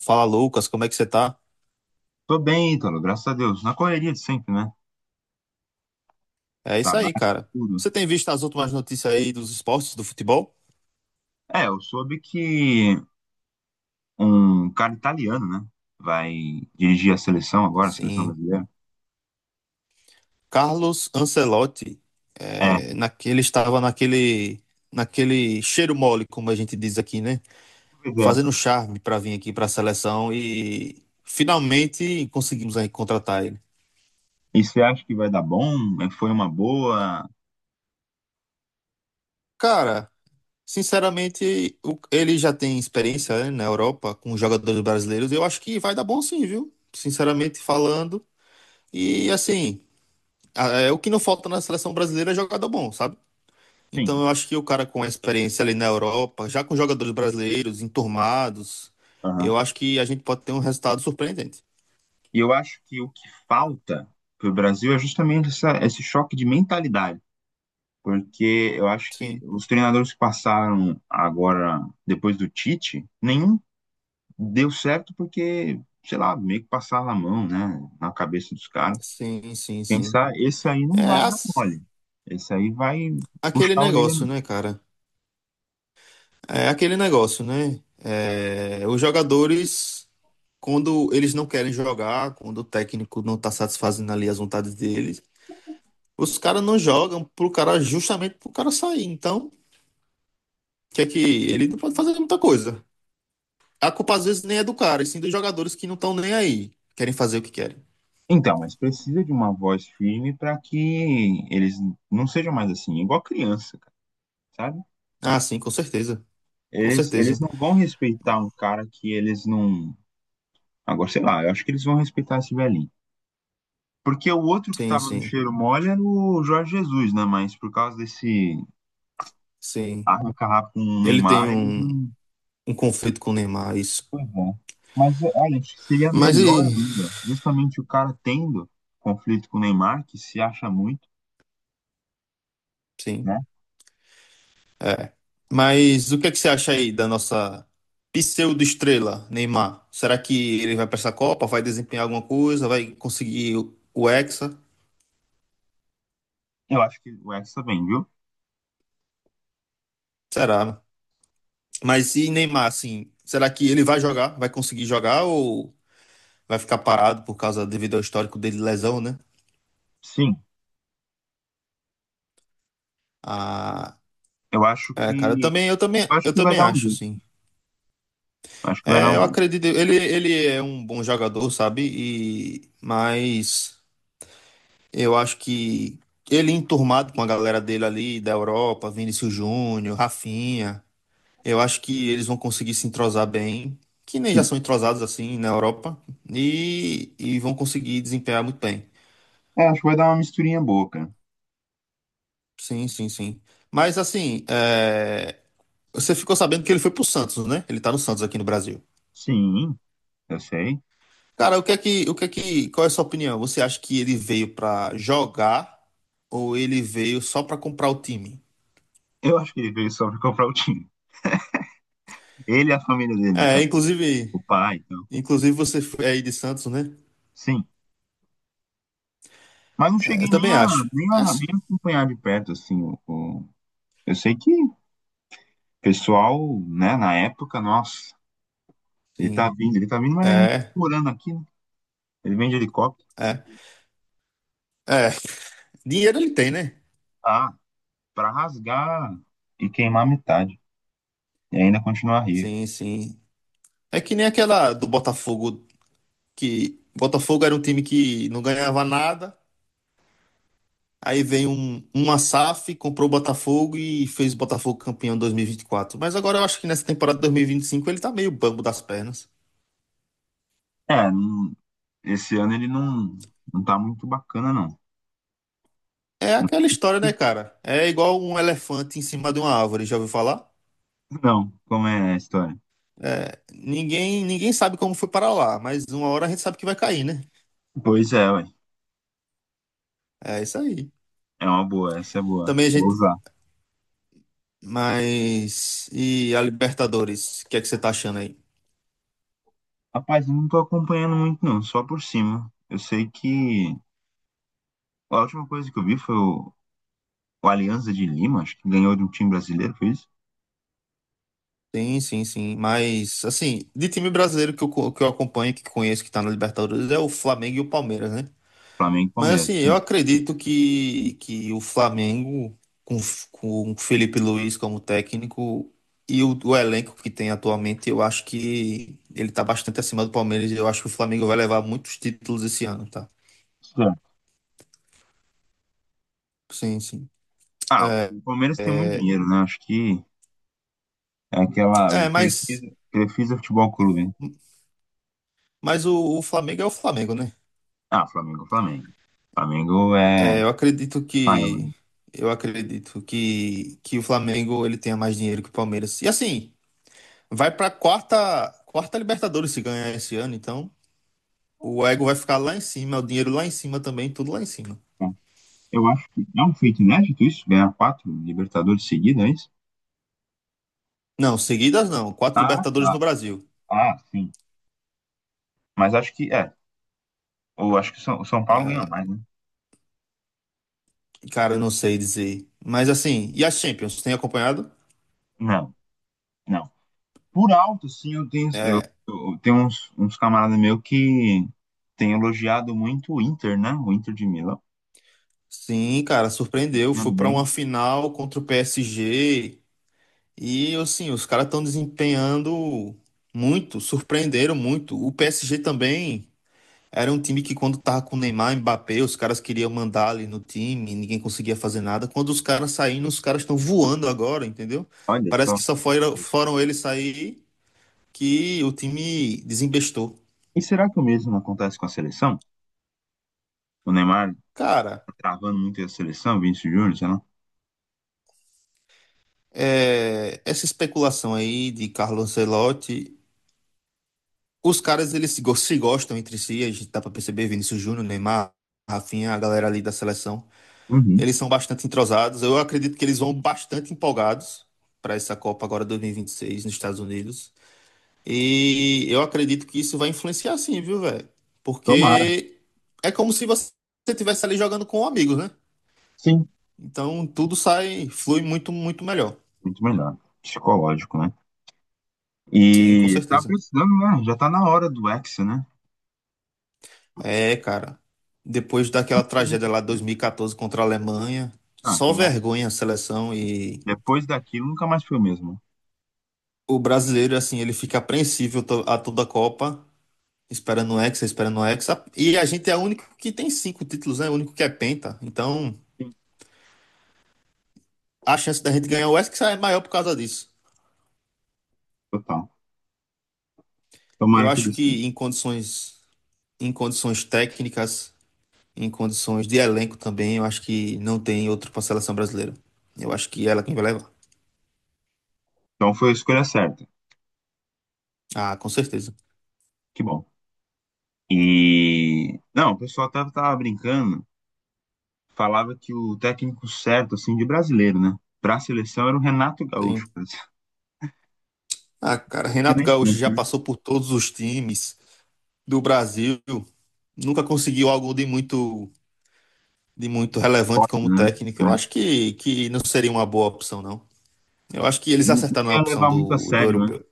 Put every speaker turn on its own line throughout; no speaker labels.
Fala, Lucas, como é que você tá?
Tô bem, Ítalo, graças a Deus. Na correria de sempre, né?
É isso aí,
Trabalho,
cara.
tudo.
Você tem visto as últimas notícias aí dos esportes, do futebol?
Eu soube que um cara italiano, né? Vai dirigir a seleção agora, a seleção
Sim.
brasileira.
Carlos Ancelotti,
É,
ele estava naquele cheiro mole, como a gente diz aqui, né?
pois é.
Fazendo charme para vir aqui para a seleção e finalmente conseguimos aí contratar ele.
E você acha que vai dar bom? É, foi uma boa?
Cara, sinceramente, ele já tem experiência, né, na Europa com jogadores brasileiros. Eu acho que vai dar bom sim, viu? Sinceramente falando. E assim. É, o que não falta na seleção brasileira é jogador bom, sabe?
Sim.
Então eu acho que o cara com a experiência ali na Europa, já com jogadores brasileiros enturmados,
Aham.
eu acho que a gente pode ter um resultado surpreendente.
E eu acho que o que falta pro Brasil é justamente esse choque de mentalidade. Porque eu acho que
Sim,
os treinadores que passaram agora, depois do Tite, nenhum deu certo porque, sei lá, meio que passaram a mão, né, na cabeça dos caras.
sim, sim, sim.
Pensar, esse aí não
É
vai dar
as-
mole. Esse aí vai puxar
aquele
a orelha
negócio,
mesmo.
né, cara? É aquele negócio, né? É, os jogadores, quando eles não querem jogar, quando o técnico não tá satisfazendo ali as vontades deles, os caras não jogam pro cara justamente pro cara sair. Então, que é que ele não pode fazer muita coisa. A culpa às vezes nem é do cara, e sim dos jogadores que não estão nem aí. Querem fazer o que querem.
Então, mas precisa de uma voz firme para que eles não sejam mais assim, igual criança, cara, sabe?
Ah, sim, com certeza. Com
Eles
certeza.
não vão respeitar um cara que eles não. Agora, sei lá, eu acho que eles vão respeitar esse velhinho. Porque o outro que
Sim,
tava no
sim,
cheiro mole era o Jorge Jesus, né? Mas por causa desse
sim.
arranca-rabo com o
Ele tem
Neymar, eles não.
um conflito com o Neymar, isso.
Pois é. Mas é, olha, acho que seria
Mas
melhor
e.
ainda, justamente o cara tendo conflito com o Neymar, que se acha muito,
Sim.
né?
Mas o que é que você acha aí da nossa pseudo-estrela, Neymar? Será que ele vai para essa Copa? Vai desempenhar alguma coisa? Vai conseguir o Hexa?
Eu acho que o Hexa vem, viu?
Será? Mas e Neymar, assim, será que ele vai jogar? Vai conseguir jogar ou vai ficar parado por causa devido ao histórico dele de lesão, né?
Sim.
Ah,
Eu acho
é, cara,
que. Eu acho
eu
que vai
também
dar um
acho,
jeito.
assim.
Eu acho que vai dar
É,
um
eu
jeito.
acredito, ele é um bom jogador, sabe? E, mas eu acho que ele enturmado com a galera dele ali da Europa, Vinícius Júnior, Rafinha, eu acho que eles vão conseguir se entrosar bem, que nem já
Sim.
são entrosados assim na Europa, e vão conseguir desempenhar muito bem.
É, acho que vai dar uma misturinha boa, cara.
Sim, sim, sim. Mas assim, é, você ficou sabendo que ele foi pro Santos, né? Ele tá no Santos aqui no Brasil.
Sim, eu sei.
Cara, o que é que, o que é que, qual é a sua opinião? Você acha que ele veio pra jogar ou ele veio só pra comprar o time?
Eu acho que ele veio só pra comprar o time. Ele e a família dele, no
É,
caso.
inclusive,
O pai, então.
inclusive você foi aí de Santos, né?
Sim. Mas não
É,
cheguei
eu
nem
também
a,
acho.
nem a,
É,
nem a acompanhar de perto, assim. Eu sei que o pessoal, né, na época, nossa. Ele tá
sim.
vindo, ele tá vindo, mas ele não tá
É,
morando aqui, né? Ele vem de helicóptero.
é, é. Dinheiro ele tem, né?
Ah, pra rasgar e queimar metade. E ainda continuar rico.
Sim, sim. É que nem aquela do Botafogo que Botafogo era um time que não ganhava nada. Aí vem um Asaf comprou o Botafogo e fez o Botafogo campeão em dois mil e vinte e quatro. Mas agora eu acho que nessa temporada de 2025 ele tá meio bambo das pernas.
É, esse ano ele não, não tá muito bacana, não.
É aquela história, né, cara? É igual um elefante em cima de uma árvore, já ouviu falar?
Não, como é a história?
Ninguém, ninguém sabe como foi parar lá, mas uma hora a gente sabe que vai cair, né?
Pois é, ué.
É isso aí.
É uma boa, essa é boa.
Também a
Vou
gente.
usar.
Mas. E a Libertadores? O que é que você tá achando aí?
Rapaz, eu não tô acompanhando muito, não, só por cima. Eu sei que a última coisa que eu vi foi o Alianza de Lima, acho que ganhou de um time brasileiro, foi isso?
Sim, sim, sim. Mas, assim, de time brasileiro que eu acompanho, que conheço, que tá na Libertadores, é o Flamengo e o Palmeiras, né?
Flamengo e
Mas
Palmeiras.
assim, eu
Sim.
acredito que o Flamengo, com o Felipe Luiz como técnico e o elenco que tem atualmente, eu acho que ele tá bastante acima do Palmeiras. Eu acho que o Flamengo vai levar muitos títulos esse ano, tá?
Certo.
Sim, sim.
Ah,
É,
o Palmeiras tem muito
é,
dinheiro, né? Acho que é aquela, o
é, mas,
Crefisa, Crefisa Futebol Clube, né?
mas o Flamengo é o Flamengo, né?
Ah, Flamengo, Flamengo. Flamengo é
É,
maior, né?
eu acredito que o Flamengo ele tenha mais dinheiro que o Palmeiras. E assim, vai pra quarta Libertadores se ganhar esse ano, então. O ego vai ficar lá em cima, o dinheiro lá em cima também, tudo lá em cima.
É. Eu acho que é um feito inédito isso, ganhar quatro Libertadores seguidas, é isso?
Não, seguidas não. Quatro
Ah,
Libertadores
tá.
no Brasil.
Ah, sim. Mas acho que, é, eu acho que o São Paulo ganhou
É,
mais, né?
cara, eu não sei dizer. Mas assim, e a Champions? Tem acompanhado?
Não, não. Por alto, sim,
É,
eu tenho uns camaradas meus que têm elogiado muito o Inter, né? O Inter de Milão.
sim, cara,
Tá
surpreendeu. Foi
ganhando
pra
bem.
uma final contra o PSG. E assim, os caras estão desempenhando muito, surpreenderam muito. O PSG também era um time que quando tava com Neymar, Mbappé, os caras queriam mandar ali no time, ninguém conseguia fazer nada. Quando os caras saíram, os caras estão voando agora, entendeu?
Olha
Parece
só.
que só foram eles sair que o time desembestou.
E será que o mesmo acontece com a seleção? O Neymar
Cara,
tá travando muito a seleção, Vinícius Júnior, sei lá.
é, essa especulação aí de Carlo Ancelotti, os caras eles se, go- se gostam entre si, a gente dá pra perceber, Vinícius Júnior, Neymar, Rafinha, a galera ali da seleção.
Uhum.
Eles são bastante entrosados. Eu acredito que eles vão bastante empolgados para essa Copa agora 2026 nos Estados Unidos. E eu acredito que isso vai influenciar sim, viu, velho?
Tomara.
Porque é como se você estivesse ali jogando com amigos, né?
Sim.
Então tudo sai, flui muito, muito melhor.
Muito melhor. Psicológico, né?
Sim, com
E tá
certeza.
precisando, né? Já tá na hora do Hexa, né?
É, cara. Depois daquela tragédia lá de 2014 contra a Alemanha,
Ah, que
só
lá.
vergonha a seleção e
Depois daquilo nunca mais foi o mesmo.
o brasileiro, assim, ele fica apreensível a toda a Copa, esperando o Hexa, esperando o Hexa. E a gente é o único que tem 5 títulos, né? O único que é penta. Então,
Sim.
a chance da gente ganhar o Hexa é maior por causa disso.
Total.
Eu
Tomara que
acho
destino.
que em condições técnicas, em condições de elenco também, eu acho que não tem outro para a seleção brasileira. Eu acho que ela é quem vai levar.
Então foi a escolha certa.
Ah, com certeza.
Que bom. E. Não, o pessoal até tava brincando. Falava que o técnico certo, assim, de brasileiro, né? Pra seleção era o Renato
Sim.
Gaúcho, cara. Não
Ah, cara,
tinha
Renato
nem
Gaúcho
chance,
já
né?
passou por todos os times do Brasil. Nunca conseguiu algo de muito relevante
Forte,
como
né?
técnico. Eu acho
É.
que não seria uma boa opção, não. Eu acho que eles
Não, não
acertaram na
ia
opção
levar muito a
do
sério, né?
europeu.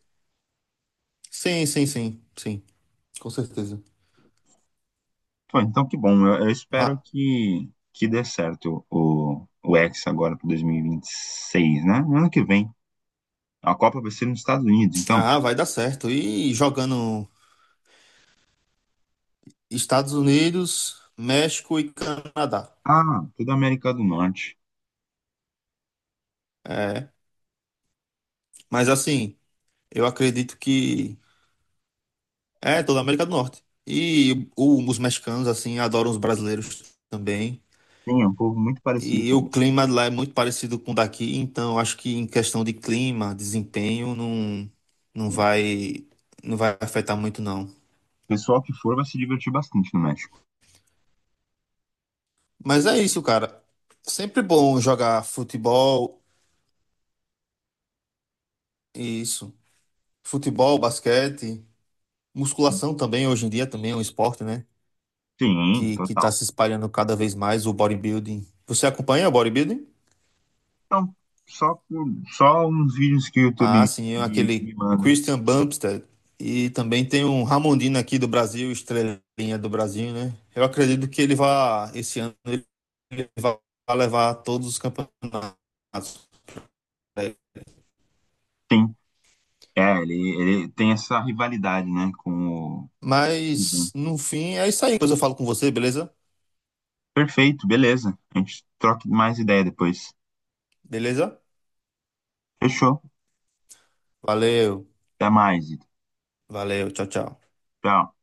Sim, sim, sim, sim, com certeza.
Pô, então que bom. Eu espero
Ma-
que dê certo o X agora para 2026, né? No ano que vem. A Copa vai ser nos Estados Unidos, então.
ah, vai dar certo. E jogando Estados Unidos, México e Canadá.
Ah, toda a América do Norte.
É, mas assim, eu acredito que é toda a América do Norte. Os mexicanos, assim, adoram os brasileiros também.
Sim, é um povo muito parecido
E
com a
o
gente.
clima lá é muito parecido com o daqui, então acho que em questão de clima, desempenho, não, não
Sim.
vai, não vai afetar muito, não.
O pessoal que for vai se divertir bastante no México.
Mas é isso, cara. Sempre bom jogar futebol, isso. Futebol, basquete,
Sim,
musculação também, hoje em dia também é um esporte, né?
sim,
Que tá
total.
se espalhando cada vez mais, o bodybuilding. Você acompanha o bodybuilding?
Então, só, por- só uns vídeos que o YouTube
Ah, sim, é aquele
me manda.
Christian Bumstead. E também tem um Ramondino aqui do Brasil, estrelinha do Brasil, né? Eu acredito que ele vai, esse ano, ele vai levar todos os campeonatos. Né.
Sim, é, ele tem essa rivalidade, né, com o...
Mas, no fim, é isso aí. Depois eu falo com você, beleza?
Perfeito, beleza. A gente troca mais ideia depois.
Beleza?
Fechou.
Valeu.
Até mais, Ito.
Valeu. Tchau, tchau.
Tchau.